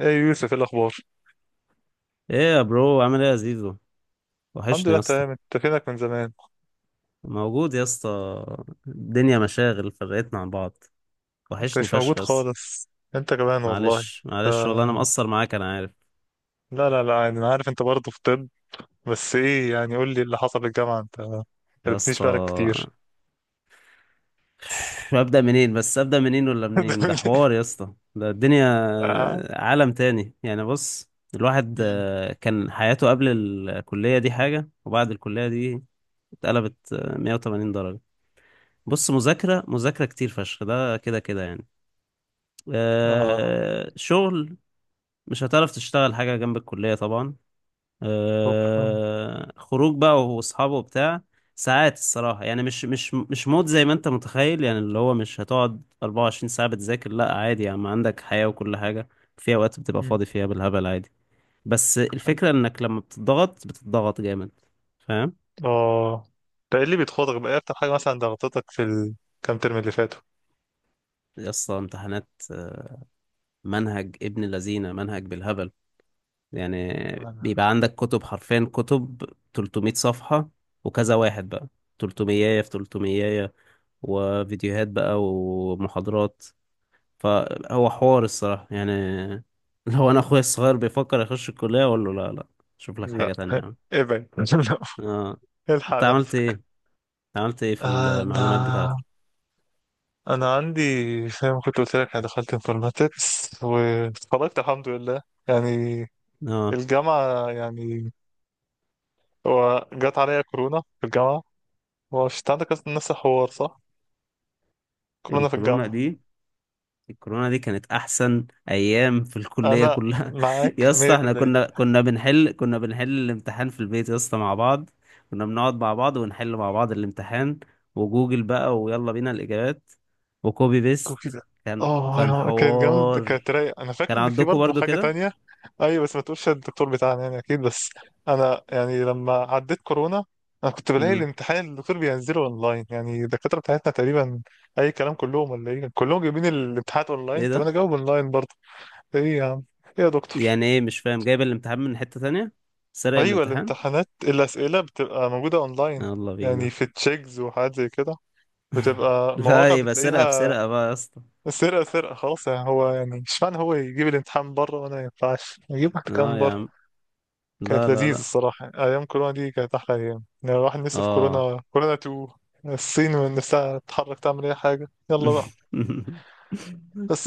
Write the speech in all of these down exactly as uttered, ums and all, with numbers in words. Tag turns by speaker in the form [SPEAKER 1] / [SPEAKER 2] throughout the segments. [SPEAKER 1] ايه يوسف، ايه الاخبار؟
[SPEAKER 2] ايه يا برو، عامل ايه يا زيزو؟
[SPEAKER 1] الحمد
[SPEAKER 2] وحشني
[SPEAKER 1] لله،
[SPEAKER 2] يا اسطى.
[SPEAKER 1] تمام. انت فينك من زمان؟
[SPEAKER 2] موجود يا اسطى. الدنيا مشاغل فرقتنا عن بعض.
[SPEAKER 1] ما
[SPEAKER 2] وحشني
[SPEAKER 1] كنتش
[SPEAKER 2] فشخ
[SPEAKER 1] موجود
[SPEAKER 2] يا اسطى.
[SPEAKER 1] خالص. انت كمان والله.
[SPEAKER 2] معلش
[SPEAKER 1] ف...
[SPEAKER 2] معلش، والله انا مقصر معاك، انا عارف
[SPEAKER 1] لا لا لا، يعني انا عارف انت برضه في طب. بس ايه يعني، قول لي اللي حصل في الجامعه، انت ما
[SPEAKER 2] يا
[SPEAKER 1] قلتليش
[SPEAKER 2] اسطى.
[SPEAKER 1] بقالك كتير.
[SPEAKER 2] ابدا منين، بس ابدا منين ولا منين، ده حوار يا اسطى، ده الدنيا
[SPEAKER 1] اه.
[SPEAKER 2] عالم تاني. يعني بص، الواحد
[SPEAKER 1] مم.
[SPEAKER 2] آه، كان حياته قبل الكلية دي حاجة، وبعد الكلية دي اتقلبت آه، مية وتمانين درجة. بص، مذاكرة مذاكرة كتير فشخ، ده كده كده يعني.
[SPEAKER 1] آه،
[SPEAKER 2] آه، شغل، مش هتعرف تشتغل حاجة جنب الكلية طبعا.
[SPEAKER 1] شكرا.
[SPEAKER 2] آه، خروج بقى واصحابه وبتاع. ساعات الصراحة يعني مش مش مش مود زي ما انت متخيل، يعني اللي هو مش هتقعد أربعة وعشرين ساعة بتذاكر، لا عادي، يعني ما عندك حياة وكل حاجة. في اوقات بتبقى
[SPEAKER 1] مم.
[SPEAKER 2] فاضي فيها بالهبل عادي. بس الفكرة انك لما بتضغط بتضغط جامد، فاهم؟
[SPEAKER 1] اه. ده ايه اللي بيتخوضك بقى، إيه اكتر حاجه مثلا ضغطتك في الكام ترم اللي فاتوا؟
[SPEAKER 2] يا اسطى، امتحانات آه، منهج ابن لذينة، منهج بالهبل يعني.
[SPEAKER 1] لا
[SPEAKER 2] بيبقى عندك كتب، حرفيا كتب تلتمية صفحة، وكذا واحد بقى، تلتمية في تلتمية، وفيديوهات بقى ومحاضرات، فهو حوار الصراحة يعني. لو أنا أخويا الصغير بيفكر يخش الكلية أقول له لا لا، شوف لك
[SPEAKER 1] لا.
[SPEAKER 2] حاجة تانية يا عم.
[SPEAKER 1] ابعد.
[SPEAKER 2] آه.
[SPEAKER 1] لا. الحق
[SPEAKER 2] أنت عملت
[SPEAKER 1] نفسك.
[SPEAKER 2] إيه؟ عملت إيه في
[SPEAKER 1] انا
[SPEAKER 2] المعلومات بتاعتك؟
[SPEAKER 1] انا عندي، فاهم، كنت قلت لك انا دخلت انفورماتكس واتخرجت الحمد لله، يعني
[SPEAKER 2] آه.
[SPEAKER 1] الجامعه يعني. هو جت عليا كورونا في الجامعه. هو مش انت عندك أصلاً نفس الحوار؟ صح، كورونا في
[SPEAKER 2] الكورونا
[SPEAKER 1] الجامعه.
[SPEAKER 2] دي، الكورونا دي كانت احسن ايام في الكليه
[SPEAKER 1] انا
[SPEAKER 2] كلها.
[SPEAKER 1] معاك.
[SPEAKER 2] يا اسطى، احنا
[SPEAKER 1] مية في المية.
[SPEAKER 2] كنا كنا بنحل كنا بنحل الامتحان في البيت يا اسطى مع بعض. كنا بنقعد مع بعض ونحل مع بعض الامتحان، وجوجل بقى، ويلا بينا الاجابات، وكوبي بيست.
[SPEAKER 1] وكده.
[SPEAKER 2] كان كان
[SPEAKER 1] اه، كانت جامد، كانت
[SPEAKER 2] حوار.
[SPEAKER 1] رايقة. انا فاكر
[SPEAKER 2] كان
[SPEAKER 1] ان في
[SPEAKER 2] عندكم
[SPEAKER 1] برضه
[SPEAKER 2] برضو
[SPEAKER 1] حاجة
[SPEAKER 2] كده.
[SPEAKER 1] تانية. ايوه بس ما تقولش الدكتور بتاعنا يعني، اكيد. بس انا يعني لما عديت كورونا، انا كنت بلاقي
[SPEAKER 2] امم.
[SPEAKER 1] الامتحان الدكتور بينزله اونلاين، يعني الدكاترة بتاعتنا تقريبا اي كلام. كلهم، ولا ايه؟ كلهم جايبين الامتحانات اونلاين،
[SPEAKER 2] ايه
[SPEAKER 1] طب
[SPEAKER 2] ده؟
[SPEAKER 1] انا جاوب اونلاين برضه. ايه يا عم، ايه يا دكتور؟
[SPEAKER 2] يعني ايه، مش فاهم، جايب الامتحان من حته تانية؟ سرق
[SPEAKER 1] ايوه،
[SPEAKER 2] الامتحان.
[SPEAKER 1] الامتحانات الاسئلة بتبقى موجودة اونلاين،
[SPEAKER 2] يلا
[SPEAKER 1] يعني
[SPEAKER 2] بينا.
[SPEAKER 1] في تشيكز وحاجات زي كده، بتبقى مواقع
[SPEAKER 2] لا يبقى سرقه
[SPEAKER 1] بتلاقيها.
[SPEAKER 2] بسرقه بقى يا اسطى.
[SPEAKER 1] سرقة سرقة خلاص يعني. هو يعني اشمعنى هو يجيب الامتحان بره، وانا ما ينفعش يجيب واحد كان
[SPEAKER 2] اه يا
[SPEAKER 1] بره؟
[SPEAKER 2] عم،
[SPEAKER 1] كانت
[SPEAKER 2] لا لا
[SPEAKER 1] لذيذ
[SPEAKER 2] لا.
[SPEAKER 1] الصراحة يعني، ايام كورونا دي كانت احلى ايام. يعني الواحد نفسه في
[SPEAKER 2] اه.
[SPEAKER 1] كورونا كورونا اتنين، الصين من نفسها تتحرك تعمل اي حاجة، يلا بقى.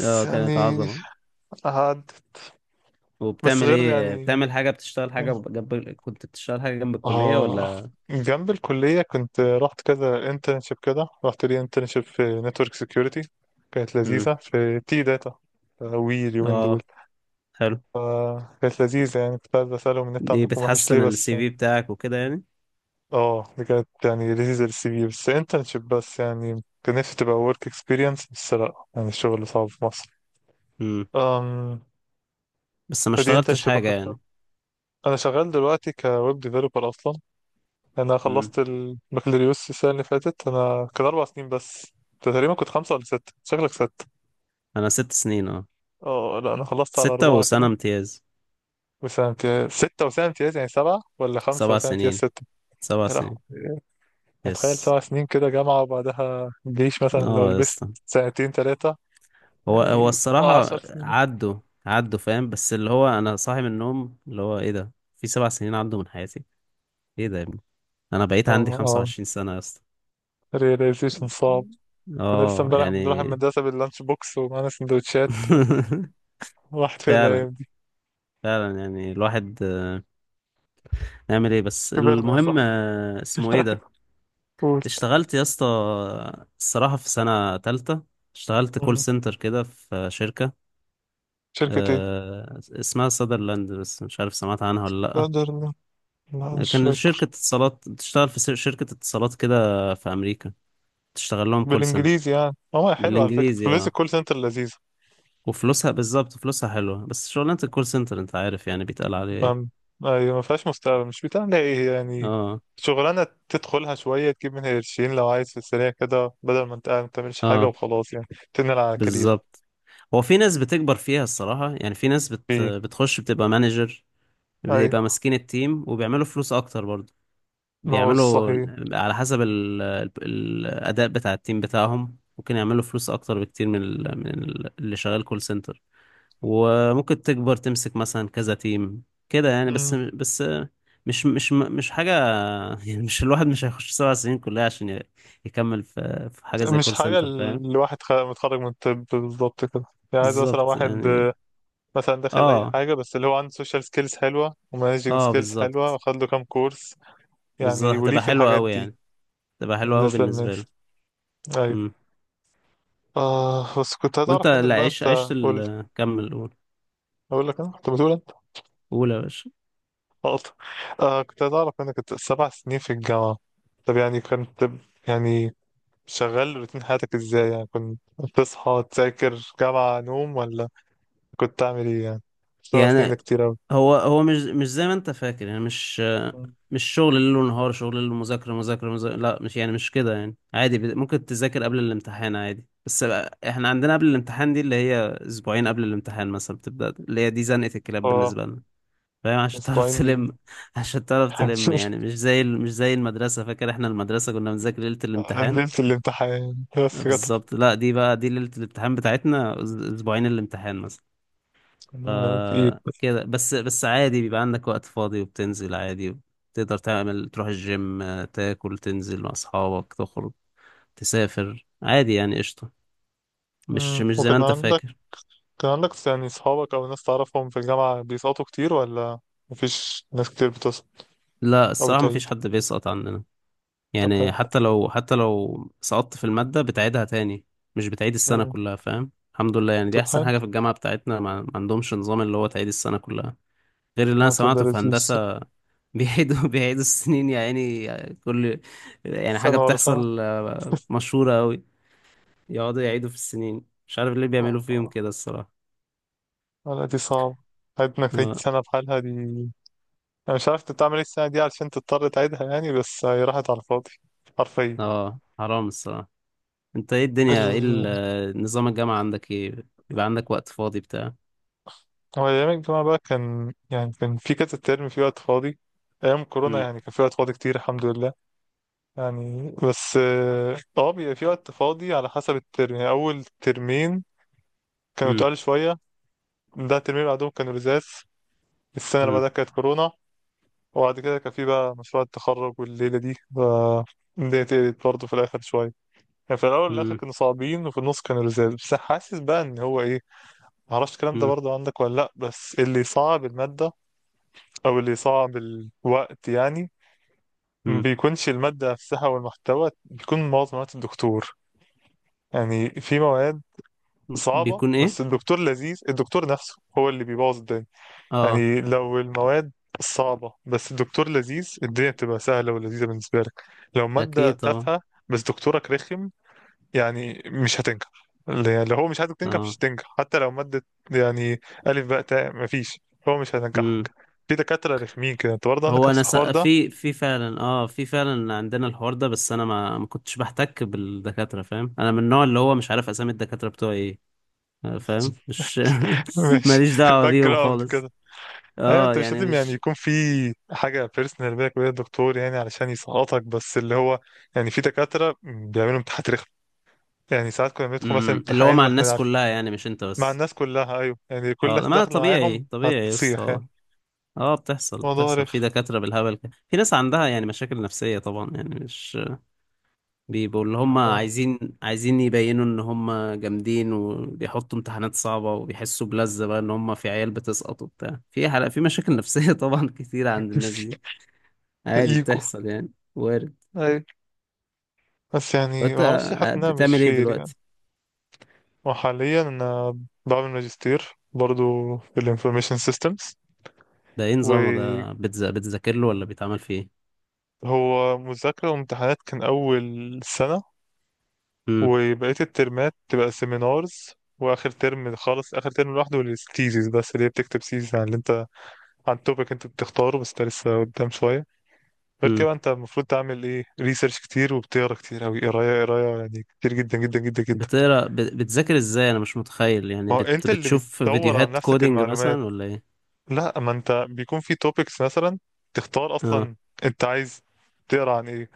[SPEAKER 2] اه
[SPEAKER 1] يعني
[SPEAKER 2] كانت عظمة.
[SPEAKER 1] عدت. بس
[SPEAKER 2] وبتعمل
[SPEAKER 1] غير
[SPEAKER 2] ايه،
[SPEAKER 1] يعني،
[SPEAKER 2] بتعمل حاجة، بتشتغل حاجة جنب، كنت بتشتغل حاجة جنب الكلية
[SPEAKER 1] اه،
[SPEAKER 2] ولا؟
[SPEAKER 1] جنب الكلية كنت رحت كذا انترنشيب كده. رحت لي انترنشيب في نتورك سيكيورتي، كانت
[SPEAKER 2] مم.
[SPEAKER 1] لذيذة، في تي داتا وي اليومين دول.
[SPEAKER 2] اه حلو.
[SPEAKER 1] كانت لذيذة يعني، كنت عايز أسألهم النت
[SPEAKER 2] دي
[SPEAKER 1] عندكم وحش ليه،
[SPEAKER 2] بتحسن
[SPEAKER 1] بس
[SPEAKER 2] السي
[SPEAKER 1] يعني.
[SPEAKER 2] في بتاعك وكده يعني.
[SPEAKER 1] اه، دي كانت يعني لذيذة للسي في، بس انترنشيب بس، يعني كان نفسي تبقى ورك اكسبيرينس، بس لأ يعني الشغل صعب في مصر.
[SPEAKER 2] مم.
[SPEAKER 1] أم
[SPEAKER 2] بس ما
[SPEAKER 1] فدي
[SPEAKER 2] اشتغلتش
[SPEAKER 1] انترنشيب
[SPEAKER 2] حاجة
[SPEAKER 1] أخدتها.
[SPEAKER 2] يعني؟
[SPEAKER 1] أنا شغال دلوقتي كويب ديفلوبر أصلا. أنا
[SPEAKER 2] مم.
[SPEAKER 1] خلصت البكالوريوس السنة اللي فاتت. أنا كان أربع سنين بس، أنت تقريبا كنت خمسة ولا ستة، شكلك ستة.
[SPEAKER 2] انا ست سنين اه،
[SPEAKER 1] اه لأ، أنا خلصت على
[SPEAKER 2] ستة
[SPEAKER 1] أربعة
[SPEAKER 2] وسنة
[SPEAKER 1] كده.
[SPEAKER 2] امتياز.
[SPEAKER 1] وسنة امتياز، ستة وسنة امتياز، يعني سبعة، ولا خمسة
[SPEAKER 2] سبع
[SPEAKER 1] وسنة امتياز
[SPEAKER 2] سنين،
[SPEAKER 1] ستة.
[SPEAKER 2] سبع
[SPEAKER 1] يا لهوي.
[SPEAKER 2] سنين.
[SPEAKER 1] اتخيل
[SPEAKER 2] يس.
[SPEAKER 1] سبع سنين كده جامعة، وبعدها جيش مثلا لو
[SPEAKER 2] اه يا
[SPEAKER 1] لبست
[SPEAKER 2] اسطى،
[SPEAKER 1] سنتين تلاتة،
[SPEAKER 2] هو هو
[SPEAKER 1] يعني اه عشر
[SPEAKER 2] الصراحة
[SPEAKER 1] سنين.
[SPEAKER 2] عدوا. عدوا فاهم، بس اللي هو انا صاحي من النوم اللي هو ايه ده، في سبع سنين عدوا من حياتي؟ ايه ده يا ابني؟ انا بقيت
[SPEAKER 1] اه
[SPEAKER 2] عندي
[SPEAKER 1] اه،
[SPEAKER 2] خمسة وعشرين سنة يا اسطى.
[SPEAKER 1] رياليزيشن صعب. كنا لسه
[SPEAKER 2] اه
[SPEAKER 1] امبارح بنروح
[SPEAKER 2] يعني.
[SPEAKER 1] المدرسة باللانش بوكس ومعانا سندوتشات و- وراحت فين
[SPEAKER 2] فعلا
[SPEAKER 1] الأيام دي.
[SPEAKER 2] فعلا، يعني الواحد نعمل ايه، بس
[SPEAKER 1] كبرنا يا
[SPEAKER 2] المهم
[SPEAKER 1] صاحبي.
[SPEAKER 2] آه، اسمه ايه ده.
[SPEAKER 1] قول.
[SPEAKER 2] اشتغلت يا اسطى، الصراحة في سنة تالتة اشتغلت كول
[SPEAKER 1] مم.
[SPEAKER 2] سنتر كده في شركة،
[SPEAKER 1] شركة ايه؟
[SPEAKER 2] آه، اسمها سادرلاند، بس مش عارف سمعت عنها
[SPEAKER 1] لا
[SPEAKER 2] ولا.
[SPEAKER 1] ده- لا،
[SPEAKER 2] لأ،
[SPEAKER 1] مش
[SPEAKER 2] كان شركة
[SPEAKER 1] فاكر.
[SPEAKER 2] اتصالات، بتشتغل في شركة اتصالات كده في أمريكا، تشتغل لهم كول
[SPEAKER 1] بالانجليزي
[SPEAKER 2] سنتر.
[SPEAKER 1] يعني، ماما حلوة على فكرة
[SPEAKER 2] بالإنجليزي،
[SPEAKER 1] فلوس
[SPEAKER 2] اه.
[SPEAKER 1] الكول سنتر لذيذة.
[SPEAKER 2] وفلوسها بالظبط، فلوسها حلوة، بس شغلانة الكول سنتر انت عارف يعني بيتقال عليها ايه.
[SPEAKER 1] ما أيوة، ما فيهاش مستقبل، مش بتعمل ايه يعني.
[SPEAKER 2] اه
[SPEAKER 1] شغلانة تدخلها شوية، تجيب منها قرشين لو عايز في السريع كده، بدل ما انت قاعد ما بتعملش حاجة
[SPEAKER 2] اه،
[SPEAKER 1] وخلاص يعني. تنقل على كارير.
[SPEAKER 2] بالظبط. هو في ناس بتكبر فيها الصراحة، يعني في ناس بت...
[SPEAKER 1] في
[SPEAKER 2] بتخش بتبقى مانجر، بيبقى
[SPEAKER 1] ايوه.
[SPEAKER 2] ماسكين التيم، وبيعملوا فلوس اكتر برضه.
[SPEAKER 1] ما هو
[SPEAKER 2] بيعملوا
[SPEAKER 1] صحيح.
[SPEAKER 2] على حسب ال... ال... الاداء بتاع التيم بتاعهم، ممكن يعملوا فلوس اكتر بكتير من ال... من ال... اللي شغال كول سنتر. وممكن تكبر تمسك مثلا كذا تيم كده يعني، بس
[SPEAKER 1] مم.
[SPEAKER 2] بس مش مش مش حاجة يعني، مش الواحد مش هيخش سبع سنين كلها عشان ي- يكمل في في حاجة زي
[SPEAKER 1] مش
[SPEAKER 2] كول
[SPEAKER 1] حاجة
[SPEAKER 2] سنتر، فاهم؟
[SPEAKER 1] الواحد خ- متخرج من الطب بالظبط كده. يعني عايز مثلا
[SPEAKER 2] بالظبط
[SPEAKER 1] واحد
[SPEAKER 2] يعني.
[SPEAKER 1] آه، مثلا داخل أي
[SPEAKER 2] اه
[SPEAKER 1] حاجة، بس اللي هو عنده سوشيال سكيلز حلوة ومانجينج
[SPEAKER 2] اه
[SPEAKER 1] سكيلز حلوة،
[SPEAKER 2] بالظبط،
[SPEAKER 1] واخد له كام كورس يعني
[SPEAKER 2] بالظبط
[SPEAKER 1] وليه
[SPEAKER 2] هتبقى
[SPEAKER 1] في
[SPEAKER 2] حلوة
[SPEAKER 1] الحاجات
[SPEAKER 2] أوي
[SPEAKER 1] دي.
[SPEAKER 2] يعني، هتبقى حلوة أوي
[SPEAKER 1] بالنسبة
[SPEAKER 2] بالنسبة
[SPEAKER 1] للناس.
[SPEAKER 2] له.
[SPEAKER 1] أيوة.
[SPEAKER 2] امم.
[SPEAKER 1] آه بس كنت
[SPEAKER 2] وانت،
[SPEAKER 1] هتعرف منك
[SPEAKER 2] لا
[SPEAKER 1] بقى
[SPEAKER 2] عيش،
[SPEAKER 1] أنت.
[SPEAKER 2] عشت
[SPEAKER 1] قول.
[SPEAKER 2] ال، كمل قول.
[SPEAKER 1] اقول لك، انا كنت بتقول انت
[SPEAKER 2] قول يا باشا.
[SPEAKER 1] غلط. آه، كنت عايز اعرف، انا كنت سبع سنين في الجامعه. طب يعني كنت ب- يعني شغال روتين حياتك ازاي؟ يعني كنت بتصحى تذاكر جامعه نوم، ولا كنت تعمل ايه يعني؟ سبع سنين ده
[SPEAKER 2] يعني
[SPEAKER 1] كتير اوي.
[SPEAKER 2] هو هو مش مش زي ما انت فاكر يعني، مش
[SPEAKER 1] مم.
[SPEAKER 2] مش شغل ليل ونهار، شغل ليل ومذاكرة مذاكرة مذاكرة، لا مش يعني مش كده يعني، عادي بت- ممكن تذاكر قبل الامتحان عادي، بس بقى احنا عندنا قبل الامتحان دي اللي هي اسبوعين قبل الامتحان مثلا بتبدأ، اللي هي دي زنقة الكلاب
[SPEAKER 1] اه،
[SPEAKER 2] بالنسبة لنا، فاهم؟ عشان
[SPEAKER 1] اسبوعين
[SPEAKER 2] تعرف
[SPEAKER 1] دي.
[SPEAKER 2] تلم. عشان تعرف تلم يعني، مش زي ال- مش زي المدرسة، فاكر احنا المدرسة كنا بنذاكر ليلة الامتحان.
[SPEAKER 1] نزلت الامتحان بس جت
[SPEAKER 2] بالظبط، لا دي بقى، دي ليلة الامتحان بتاعتنا، أس- اسبوعين الامتحان مثلا، ف
[SPEAKER 1] في ايد.
[SPEAKER 2] كده بس بس عادي بيبقى عندك وقت فاضي وبتنزل عادي، تقدر تعمل تروح الجيم، آه، تاكل، تنزل مع أصحابك، تخرج، تسافر عادي يعني، قشطة. مش
[SPEAKER 1] مم.
[SPEAKER 2] مش زي ما
[SPEAKER 1] وكان
[SPEAKER 2] أنت
[SPEAKER 1] عندك
[SPEAKER 2] فاكر.
[SPEAKER 1] كان عندك يعني صحابك او ناس تعرفهم في الجامعة بيسقطوا كتير، ولا مفيش ناس كتير بتسقط
[SPEAKER 2] لا
[SPEAKER 1] او
[SPEAKER 2] الصراحة، مفيش
[SPEAKER 1] بتعيد؟
[SPEAKER 2] حد بيسقط عننا
[SPEAKER 1] طب
[SPEAKER 2] يعني،
[SPEAKER 1] حلو.
[SPEAKER 2] حتى لو حتى لو سقطت في المادة بتعيدها تاني، مش بتعيد السنة
[SPEAKER 1] مم.
[SPEAKER 2] كلها، فاهم؟ الحمد لله يعني، دي
[SPEAKER 1] طب
[SPEAKER 2] أحسن
[SPEAKER 1] حلو،
[SPEAKER 2] حاجة في الجامعة بتاعتنا، ما ما عندهمش نظام اللي هو تعيد السنة كلها، غير اللي انا
[SPEAKER 1] هتبقى
[SPEAKER 2] سمعته في
[SPEAKER 1] لذيذ الصراحة.
[SPEAKER 2] هندسة. بيعيدوا بيعيدوا السنين يا عيني. كل، يعني حاجة
[SPEAKER 1] سنة ورا سنة.
[SPEAKER 2] بتحصل آه، مشهورة أوي، يقعدوا يعيدوا في السنين، مش عارف ليه
[SPEAKER 1] آه،
[SPEAKER 2] بيعملوا فيهم
[SPEAKER 1] آه.
[SPEAKER 2] كده الصراحة.
[SPEAKER 1] لا دي صعبة حياتي، انك تعيد
[SPEAKER 2] اه
[SPEAKER 1] سنة بحالها دي. انا مش عارف انت بتعمل ايه السنة دي علشان تضطر تعيدها، يعني بس هي راحت على الفاضي حرفيا.
[SPEAKER 2] آه، حرام الصراحة. انت ايه الدنيا، ايه ال-
[SPEAKER 1] ال...
[SPEAKER 2] آه، نظام الجامعة عندك، ايه بيبقى عندك وقت فاضي بتاع
[SPEAKER 1] هو أيام الجامعة بقى كان يعني كان في كذا ترم في وقت فاضي. أيام كورونا
[SPEAKER 2] مم،
[SPEAKER 1] يعني كان في وقت فاضي كتير الحمد لله يعني. بس اه آه، بيبقى في وقت فاضي على حسب الترم. يعني أول ترمين كانوا
[SPEAKER 2] مم،
[SPEAKER 1] تقال شوية. ده الترمين اللي بعدهم كانوا رزاز. السنة اللي
[SPEAKER 2] مم،
[SPEAKER 1] بعدها كانت كورونا. وبعد كده كان في بقى مشروع التخرج والليلة دي، ف الدنيا تقلت برضه في الآخر شوية. يعني في الأول والآخر
[SPEAKER 2] مم،
[SPEAKER 1] كانوا صعبين، وفي النص كانوا لذاذ. بس حاسس بقى إن هو إيه، معرفش الكلام ده
[SPEAKER 2] مم،
[SPEAKER 1] برضه عندك ولا لأ، بس اللي صعب المادة أو اللي صعب الوقت يعني. ما
[SPEAKER 2] مم.
[SPEAKER 1] بيكونش المادة نفسها والمحتوى، بيكون معظم وقت الدكتور. يعني في مواد صعبة
[SPEAKER 2] بيكون ايه؟
[SPEAKER 1] بس الدكتور لذيذ، الدكتور نفسه هو اللي بيبوظ الدنيا.
[SPEAKER 2] اه.
[SPEAKER 1] يعني لو المواد صعبة بس الدكتور لذيذ، الدنيا بتبقى سهلة ولذيذة بالنسبة لك. لو مادة
[SPEAKER 2] اكيد طبعا.
[SPEAKER 1] تافهة بس دكتورك رخم، يعني مش هتنجح. اللي اللي هو مش عايزك تنجح مش
[SPEAKER 2] اه.
[SPEAKER 1] هتنجح، حتى لو مادة يعني ألف باء تاء، مفيش، هو مش
[SPEAKER 2] مم.
[SPEAKER 1] هينجحك. في دكاترة رخمين كده، انت برضه عندك
[SPEAKER 2] هو
[SPEAKER 1] نفس
[SPEAKER 2] انا س...
[SPEAKER 1] الحوار ده؟
[SPEAKER 2] في في فعلا، اه في فعلا عندنا الحوار ده، بس انا ما ما كنتش بحتك بالدكاتره، فاهم؟ انا من النوع اللي هو مش عارف اسامي الدكاتره بتوعي ايه، آه، فاهم؟ مش
[SPEAKER 1] ماشي.
[SPEAKER 2] ماليش
[SPEAKER 1] في
[SPEAKER 2] دعوه
[SPEAKER 1] الباك
[SPEAKER 2] بيهم
[SPEAKER 1] جراوند
[SPEAKER 2] خالص.
[SPEAKER 1] كده. ايوه،
[SPEAKER 2] اه
[SPEAKER 1] انت مش
[SPEAKER 2] يعني
[SPEAKER 1] لازم يعني
[SPEAKER 2] مش.
[SPEAKER 1] يكون في حاجه بيرسونال بينك وبين الدكتور يعني علشان يسقطك، بس اللي هو يعني في دكاتره بيعملوا امتحانات، يعني ساعات كنا بندخل مثلا
[SPEAKER 2] مم، اللي هو
[SPEAKER 1] امتحان
[SPEAKER 2] مع
[SPEAKER 1] واحنا
[SPEAKER 2] الناس
[SPEAKER 1] عارف.
[SPEAKER 2] كلها يعني مش انت
[SPEAKER 1] مع
[SPEAKER 2] بس.
[SPEAKER 1] الناس كلها ايوه، يعني كل
[SPEAKER 2] اه،
[SPEAKER 1] الناس
[SPEAKER 2] ما
[SPEAKER 1] داخله
[SPEAKER 2] طبيعي
[SPEAKER 1] معاهم
[SPEAKER 2] طبيعي. يس
[SPEAKER 1] هتصيح يعني.
[SPEAKER 2] اه. اه بتحصل
[SPEAKER 1] موضوع
[SPEAKER 2] بتحصل في
[SPEAKER 1] رخم.
[SPEAKER 2] دكاتره بالهبل كده. في ناس عندها يعني مشاكل نفسيه طبعا، يعني مش بيبقوا اللي هم
[SPEAKER 1] احنا.
[SPEAKER 2] عايزين، عايزين يبينوا ان هم جامدين، وبيحطوا امتحانات صعبة، وبيحسوا بلذة بقى ان هم في عيال بتسقط وبتاع. في حلقة، في مشاكل نفسية طبعا كتير عند الناس دي. عادي،
[SPEAKER 1] ايجو.
[SPEAKER 2] بتحصل يعني. وارد.
[SPEAKER 1] ايوه. بس يعني
[SPEAKER 2] وانت
[SPEAKER 1] ما اعرفش، حاسس انها مش
[SPEAKER 2] بتعمل ايه
[SPEAKER 1] فير يعني.
[SPEAKER 2] دلوقتي؟
[SPEAKER 1] وحاليا انا بعمل ماجستير برضو في الانفورميشن سيستمز.
[SPEAKER 2] ده ايه نظامه
[SPEAKER 1] وهو
[SPEAKER 2] ده، بتز... بتذاكر له ولا بيتعمل فيه ايه؟
[SPEAKER 1] مذاكره وامتحانات كان اول سنه،
[SPEAKER 2] امم.
[SPEAKER 1] وبقيه الترمات تبقى سيمينارز. واخر ترم خالص، اخر ترم لوحده للثيسيس، بس اللي هي بتكتب سيزيس عن اللي انت، عن التوبيك انت بتختاره، بس ده لسه قدام شوية. غير كده
[SPEAKER 2] امم.
[SPEAKER 1] بقى انت المفروض تعمل ايه، ريسيرش كتير، وبتقرا كتير اوي، قراية قراية يعني كتير جدا جدا جدا جدا.
[SPEAKER 2] بتقرا، بت... بتذاكر ازاي؟ انا مش متخيل، يعني
[SPEAKER 1] ما هو
[SPEAKER 2] بت...
[SPEAKER 1] انت اللي
[SPEAKER 2] بتشوف
[SPEAKER 1] بتدور عن
[SPEAKER 2] فيديوهات
[SPEAKER 1] نفسك
[SPEAKER 2] كودينج
[SPEAKER 1] المعلومات.
[SPEAKER 2] مثلا ولا ايه؟
[SPEAKER 1] لا، ما انت بيكون في توبيكس مثلا تختار
[SPEAKER 2] اه.
[SPEAKER 1] اصلا انت عايز تقرا عن ايه.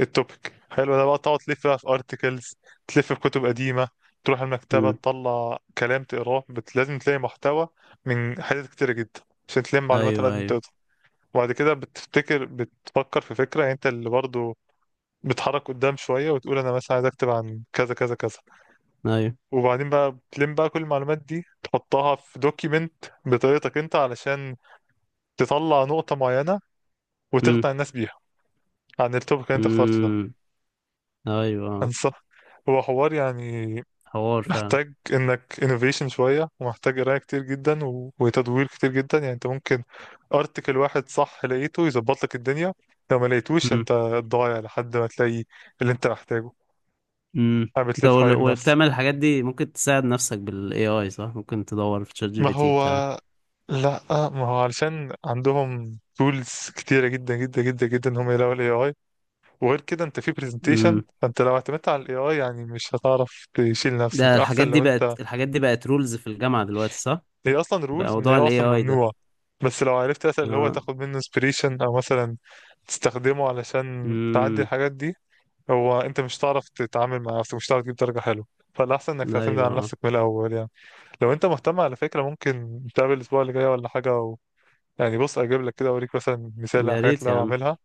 [SPEAKER 1] التوبيك حلو ده بقى، تقعد تلف بقى في ارتكلز، تلف في كتب قديمة، تروح المكتبة
[SPEAKER 2] امم.
[SPEAKER 1] تطلع كلام تقراه، بت... لازم تلاقي محتوى من حاجات كتيرة جدا عشان تلم معلومات على
[SPEAKER 2] ايوه
[SPEAKER 1] قد ما
[SPEAKER 2] ايوه.
[SPEAKER 1] تقدر. وبعد كده بتفتكر بتفكر في فكرة، يعني انت اللي برضو بتحرك قدام شوية وتقول انا مثلا عايز اكتب عن كذا كذا كذا.
[SPEAKER 2] ايوه.
[SPEAKER 1] وبعدين بقى بتلم بقى كل المعلومات دي تحطها في دوكيمنت بطريقتك انت، علشان تطلع نقطة معينة
[SPEAKER 2] امم.
[SPEAKER 1] وتقنع الناس بيها عن التوبيك اللي انت اخترته ده.
[SPEAKER 2] امم. ايوه،
[SPEAKER 1] انصح. هو حوار يعني
[SPEAKER 2] حوار فعلا.
[SPEAKER 1] محتاج انك انوفيشن شويه، ومحتاج قرايه كتير جدا و... وتدوير كتير جدا. يعني انت ممكن ارتكل واحد صح لقيته يظبط لك الدنيا، لو ما لقيتوش
[SPEAKER 2] امم.
[SPEAKER 1] انت ضايع لحد ما تلاقي اللي انت محتاجه.
[SPEAKER 2] امم.
[SPEAKER 1] قاعد
[SPEAKER 2] انت
[SPEAKER 1] بتلف
[SPEAKER 2] وال-
[SPEAKER 1] حوالين نفسك.
[SPEAKER 2] وبتعمل الحاجات دي ممكن تساعد نفسك بالاي اي، صح؟ ممكن تدور في تشات جي
[SPEAKER 1] ما
[SPEAKER 2] بي تي
[SPEAKER 1] هو
[SPEAKER 2] بتاع
[SPEAKER 1] لا، ما هو علشان عندهم تولز كتيره جدا جدا جدا جدا ان هم يلاقوا الاي اي. وغير كده انت في برزنتيشن،
[SPEAKER 2] امم.
[SPEAKER 1] فانت لو اعتمدت على الاي اي يعني مش هتعرف تشيل
[SPEAKER 2] ده
[SPEAKER 1] نفسك،
[SPEAKER 2] الحاجات
[SPEAKER 1] احسن
[SPEAKER 2] دي
[SPEAKER 1] لو انت.
[SPEAKER 2] بقت، الحاجات دي بقت رولز في الجامعة دلوقتي، صح؟
[SPEAKER 1] هي اصلا
[SPEAKER 2] بقى
[SPEAKER 1] رولز، ان هي
[SPEAKER 2] موضوع الاي
[SPEAKER 1] اصلا
[SPEAKER 2] اي ده.
[SPEAKER 1] ممنوعه. بس لو عرفت مثلا اللي هو
[SPEAKER 2] اه.
[SPEAKER 1] تاخد منه inspiration، او مثلا تستخدمه علشان تعدي
[SPEAKER 2] امم.
[SPEAKER 1] الحاجات دي، هو انت مش هتعرف تتعامل مع نفسك، مش هتعرف تجيب درجه حلوه. فالاحسن انك تعتمد
[SPEAKER 2] ايوه
[SPEAKER 1] على
[SPEAKER 2] آه.
[SPEAKER 1] نفسك من الاول يعني. لو انت مهتم على فكره، ممكن نتقابل الاسبوع اللي جاي ولا حاجه و... يعني بص اجيب لك كده اوريك مثلا مثال على
[SPEAKER 2] يا
[SPEAKER 1] الحاجات
[SPEAKER 2] ريت
[SPEAKER 1] اللي
[SPEAKER 2] يا
[SPEAKER 1] انا
[SPEAKER 2] عم،
[SPEAKER 1] بعملها.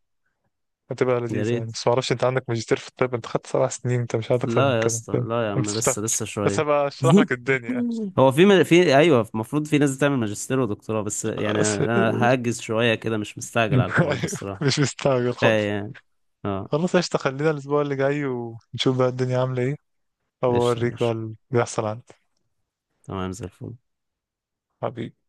[SPEAKER 1] هتبقى
[SPEAKER 2] يا
[SPEAKER 1] لذيذه يعني.
[SPEAKER 2] ريت.
[SPEAKER 1] بس معرفش انت، عندك ماجستير في الطب، انت خدت سبع سنين، انت مش عايز اكتر من
[SPEAKER 2] لا يا
[SPEAKER 1] كده
[SPEAKER 2] اسطى،
[SPEAKER 1] انت؟
[SPEAKER 2] لا يا
[SPEAKER 1] أنت
[SPEAKER 2] عم،
[SPEAKER 1] بتشتغل.
[SPEAKER 2] لسه لسه
[SPEAKER 1] بس
[SPEAKER 2] شوية.
[SPEAKER 1] هبقى اشرح لك الدنيا.
[SPEAKER 2] هو في م- في، ايوه المفروض في ناس بتعمل ماجستير ودكتوراه، بس يعني
[SPEAKER 1] بس.
[SPEAKER 2] انا هأجز شوية كده، مش مستعجل على الحوار ده
[SPEAKER 1] أيوه،
[SPEAKER 2] الصراحة.
[SPEAKER 1] مش مستعجل خالص.
[SPEAKER 2] كفاية يعني. اه.
[SPEAKER 1] خلاص قشطة، خلينا الأسبوع اللي جاي ونشوف بقى الدنيا عاملة ايه، أو
[SPEAKER 2] قشطة يا
[SPEAKER 1] أوريك بقى
[SPEAKER 2] باشا،
[SPEAKER 1] اللي بيحصل عندي.
[SPEAKER 2] تمام زي الفل.
[SPEAKER 1] حبيبي.